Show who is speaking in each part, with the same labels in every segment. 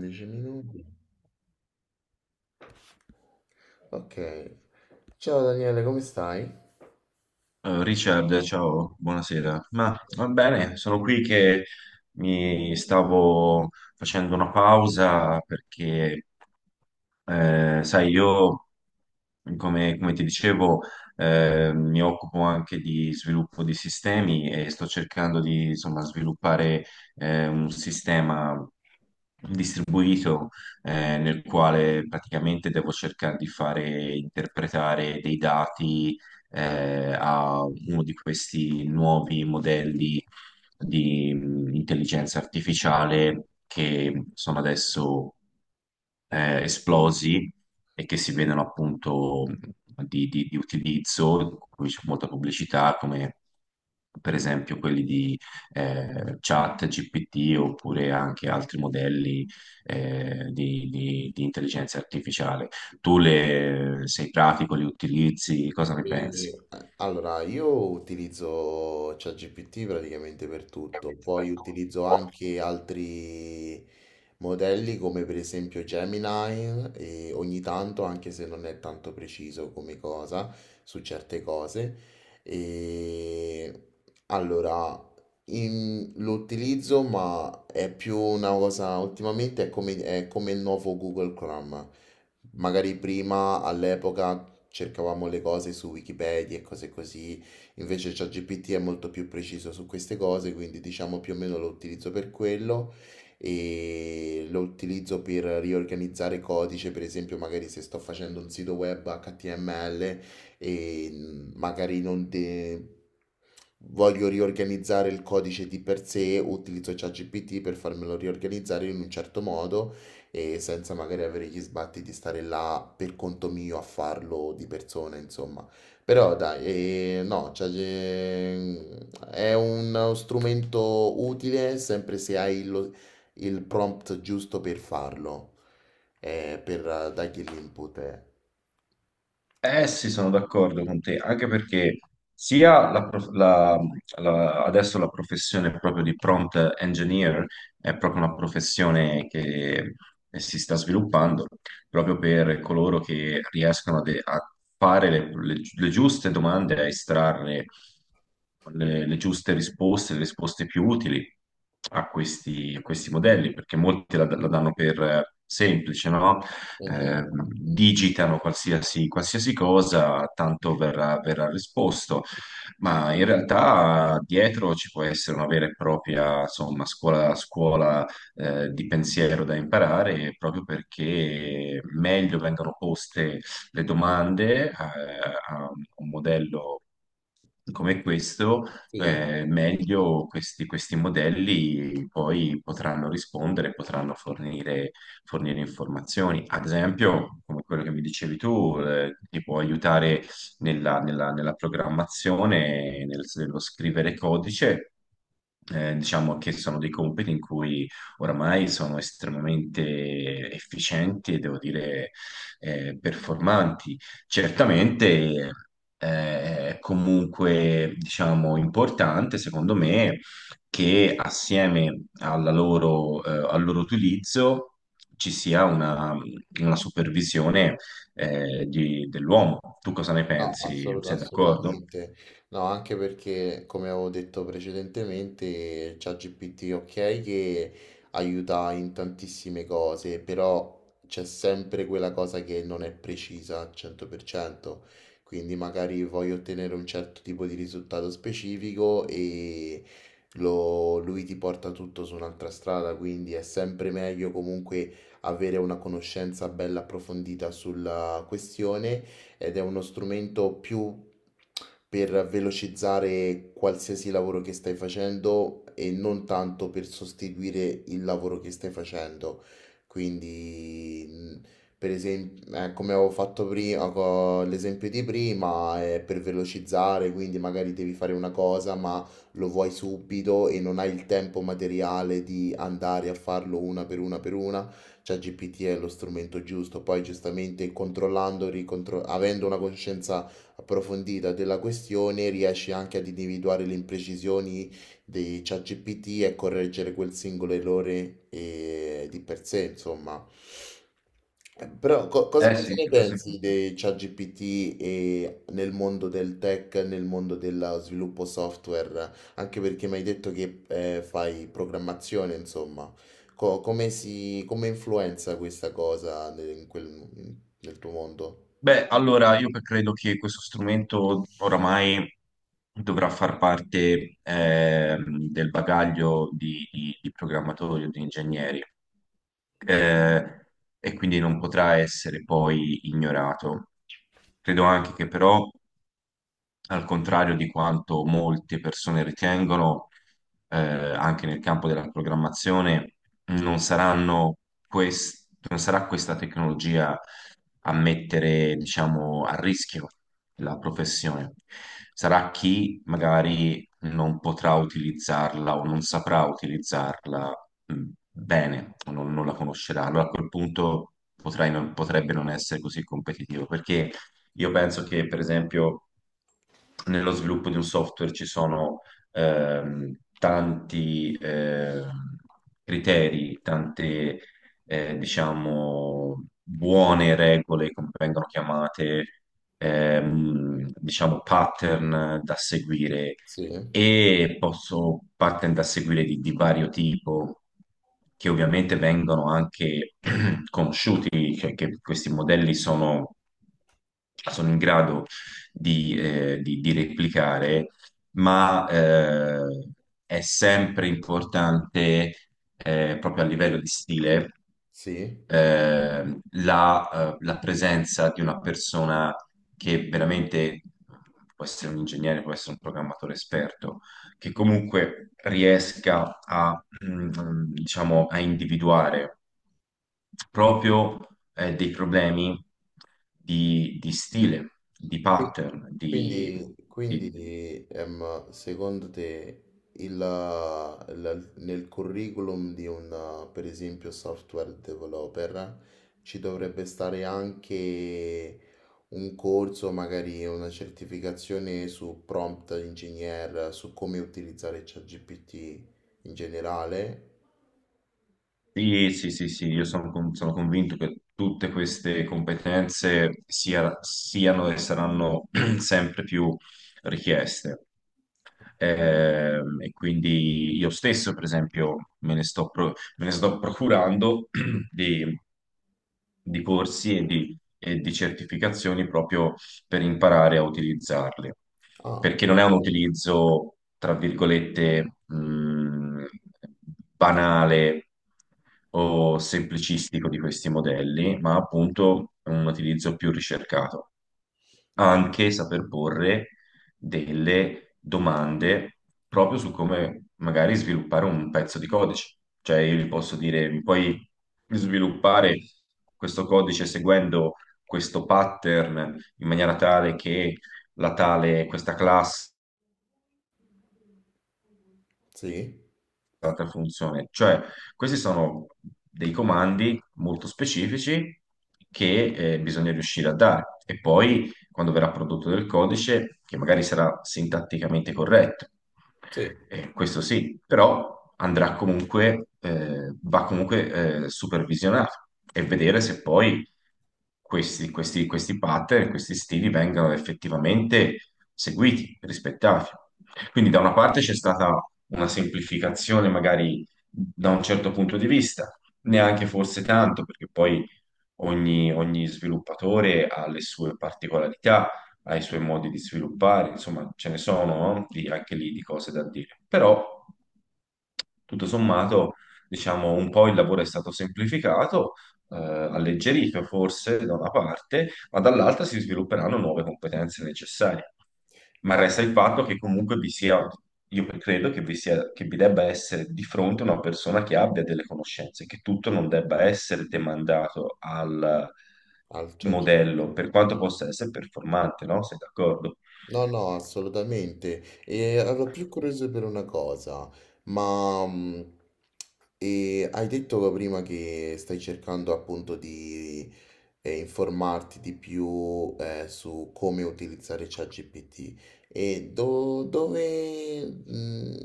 Speaker 1: 10 minuti. Ok. Ciao Daniele, come stai?
Speaker 2: Richard, ciao, buonasera. Ma va bene, sono qui che mi stavo facendo una pausa perché sai, io, come ti dicevo, mi occupo anche di sviluppo di sistemi e sto cercando di, insomma, sviluppare un sistema distribuito, nel quale praticamente devo cercare di fare interpretare dei dati a uno di questi nuovi modelli di intelligenza artificiale che sono adesso esplosi e che si vedono appunto, di utilizzo, in cui c'è molta pubblicità, come per esempio quelli di Chat GPT, oppure anche altri modelli di intelligenza artificiale. Tu le, sei pratico, li utilizzi, cosa ne
Speaker 1: E,
Speaker 2: pensi?
Speaker 1: allora, io utilizzo ChatGPT praticamente per tutto,
Speaker 2: Ovviamente per
Speaker 1: poi utilizzo
Speaker 2: tutto.
Speaker 1: anche altri modelli come per esempio Gemini e ogni tanto, anche se non è tanto preciso come cosa, su certe cose. E allora, lo utilizzo, ma è più una cosa, ultimamente è come il nuovo Google Chrome. Magari prima all'epoca cercavamo le cose su Wikipedia e cose così, invece ChatGPT è molto più preciso su queste cose, quindi diciamo più o meno lo utilizzo per quello e lo utilizzo per riorganizzare codice, per esempio magari se sto facendo un sito web HTML e mm, magari non de- voglio riorganizzare il codice di per sé, utilizzo ChatGPT per farmelo riorganizzare in un certo modo e senza magari avere gli sbatti di stare là per conto mio a farlo di persona, insomma. Però dai, no, cioè, è uno strumento utile sempre se hai il prompt giusto per farlo, per dargli l'input.
Speaker 2: Eh sì, sono d'accordo con te, anche perché sia la prof- la- la- adesso la professione proprio di prompt engineer è proprio una professione che si sta sviluppando proprio per coloro che riescono a, a fare le giuste domande, a estrarre le giuste risposte, le risposte più utili a a questi modelli, perché molti la danno per semplice, no?
Speaker 1: Mhm.
Speaker 2: eh, digitano qualsiasi cosa, tanto verrà risposto, ma in realtà dietro ci può essere una vera e propria, insomma, scuola di pensiero da imparare, proprio perché meglio vengono poste le domande a un modello come questo,
Speaker 1: Sì.
Speaker 2: meglio questi modelli poi potranno rispondere, potranno fornire informazioni. Ad esempio, come quello che mi dicevi tu, ti può aiutare nella programmazione, nello scrivere codice. Diciamo che sono dei compiti in cui oramai sono estremamente efficienti e devo dire performanti. Certamente è comunque, diciamo, importante, secondo me, che assieme alla loro, al loro utilizzo ci sia una supervisione dell'uomo. Tu cosa ne pensi? Sei d'accordo?
Speaker 1: Assolutamente. No, anche perché, come avevo detto precedentemente, ChatGPT ok che aiuta in tantissime cose, però c'è sempre quella cosa che non è precisa al 100%. Quindi magari voglio ottenere un certo tipo di risultato specifico e lui ti porta tutto su un'altra strada, quindi è sempre meglio comunque avere una conoscenza bella approfondita sulla questione ed è uno strumento più per velocizzare qualsiasi lavoro che stai facendo e non tanto per sostituire il lavoro che stai facendo. Quindi, per esempio, come avevo fatto prima, l'esempio di prima è per velocizzare, quindi magari devi fare una cosa, ma lo vuoi subito e non hai il tempo materiale di andare a farlo una per una per una. ChatGPT è lo strumento giusto. Poi, giustamente, avendo una conoscenza approfondita della questione, riesci anche ad individuare le imprecisioni di ChatGPT e correggere quel singolo errore di per sé, insomma. Però cosa,
Speaker 2: Eh
Speaker 1: cosa
Speaker 2: sì,
Speaker 1: ne
Speaker 2: questo è
Speaker 1: pensi
Speaker 2: importante.
Speaker 1: di ChatGPT e nel mondo del tech, nel mondo dello sviluppo software? Anche perché mi hai detto che fai programmazione, insomma. Come influenza questa cosa nel tuo mondo?
Speaker 2: Beh, allora io credo che questo strumento oramai dovrà far parte, del bagaglio di, di programmatori o di ingegneri. eh, e quindi non potrà essere poi ignorato. Credo anche che però al contrario di quanto molte persone ritengono, anche nel campo della programmazione, non saranno non sarà questa tecnologia a mettere, diciamo, a rischio la professione. Sarà chi magari non potrà utilizzarla o non saprà utilizzarla bene o non la conoscerà. Allora a quel punto potrai non- potrebbe non essere così competitivo, perché io penso che, per esempio, nello sviluppo di un software ci sono tanti criteri, tante, diciamo, buone regole, come vengono chiamate, diciamo, pattern da seguire,
Speaker 1: Sì. Sì?
Speaker 2: e posso pattern da seguire di vario tipo, che ovviamente vengono anche conosciuti, cioè che questi modelli sono, sono in grado di, di replicare, ma è sempre importante, proprio a livello di stile,
Speaker 1: Sì?
Speaker 2: eh, la, la presenza di una persona che veramente può essere un ingegnere, può essere un programmatore esperto, che comunque riesca a, diciamo, a individuare proprio, dei problemi di stile, di
Speaker 1: Qui-
Speaker 2: pattern, di...
Speaker 1: Quindi,
Speaker 2: di-
Speaker 1: quindi, ehm, secondo te il, nel curriculum di un, per esempio, software developer ci dovrebbe stare anche un corso, magari una certificazione su prompt engineer, su come utilizzare ChatGPT in generale?
Speaker 2: Sì, sì, sì, sì, io sono, sono convinto che tutte queste competenze siano e saranno sempre più richieste. E quindi io stesso, per esempio, me ne sto, me ne sto procurando di, di corsi e di certificazioni proprio per imparare a utilizzarli,
Speaker 1: Ah.
Speaker 2: perché non è un utilizzo, tra virgolette, banale o semplicistico di questi modelli, ma appunto un utilizzo più ricercato, anche saper porre delle domande proprio su come magari sviluppare un pezzo di codice. Cioè io gli posso dire, mi puoi sviluppare questo codice seguendo questo pattern in maniera tale che la tale, questa classe
Speaker 1: Sì,
Speaker 2: un'altra funzione. Cioè, questi sono dei comandi molto specifici che bisogna riuscire a dare. E poi, quando verrà prodotto del codice, che magari sarà sintatticamente corretto,
Speaker 1: sì,
Speaker 2: questo sì, però andrà comunque, va comunque supervisionato e vedere se poi questi pattern, questi stili vengano effettivamente seguiti, rispettati. Quindi da una parte c'è stata una semplificazione magari da un certo punto di vista, neanche forse tanto, perché poi ogni sviluppatore ha le sue particolarità, ha i suoi modi di sviluppare, insomma ce ne sono, no? Anche lì di cose da dire. Però tutto sommato, diciamo, un po' il lavoro è stato semplificato, alleggerito forse da una parte, ma dall'altra si svilupperanno nuove competenze necessarie. Ma resta
Speaker 1: ma
Speaker 2: il fatto che comunque vi sia, io credo che vi sia, che vi debba essere di fronte una persona che abbia delle conoscenze, che tutto non debba essere demandato al
Speaker 1: altra gente.
Speaker 2: modello, per quanto possa essere performante, no? Sei d'accordo?
Speaker 1: No, no, assolutamente. E ero più curioso per una cosa, ma e hai detto prima che stai cercando appunto di informarti di più su come utilizzare ChatGPT e dove, mm,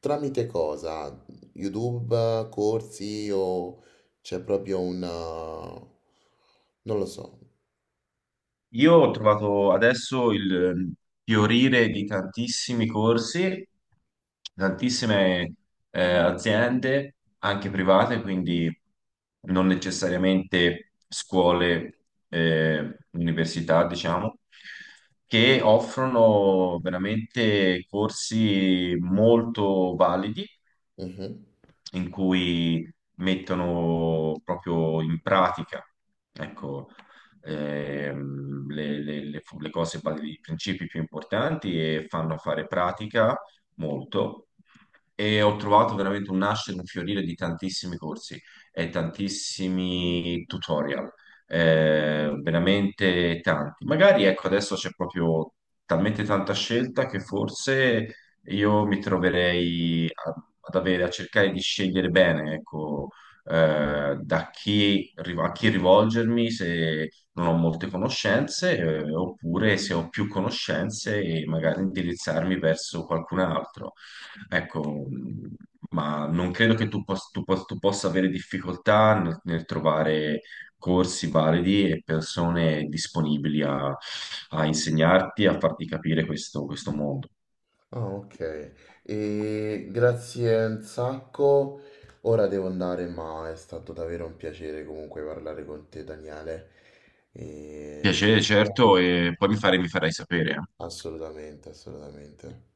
Speaker 1: tramite cosa? YouTube, corsi o c'è proprio una... non lo so.
Speaker 2: Io ho trovato adesso il, fiorire di tantissimi corsi, tantissime aziende, anche private, quindi non necessariamente scuole, università, diciamo, che offrono veramente corsi molto validi
Speaker 1: Mhm.
Speaker 2: in cui mettono proprio in pratica, ecco, le cose, i principi più importanti, e fanno fare pratica molto. E ho trovato veramente un nascere, un fiorire di tantissimi corsi e tantissimi tutorial, veramente tanti. Magari ecco, adesso c'è proprio talmente tanta scelta che forse io mi troverei a- ad avere, a cercare di scegliere bene, ecco, da chi, a chi rivolgermi se non ho molte conoscenze, oppure se ho più conoscenze e magari indirizzarmi verso qualcun altro. Ecco, ma non credo che tu possa avere difficoltà nel trovare corsi validi e persone disponibili a, a insegnarti, a farti capire questo mondo.
Speaker 1: Ah, ok. E grazie un sacco. Ora devo andare, ma è stato davvero un piacere comunque parlare con te, Daniele. E ci
Speaker 2: Piacere, certo,
Speaker 1: sentiamo.
Speaker 2: e poi mi farai sapere.
Speaker 1: Assolutamente, assolutamente.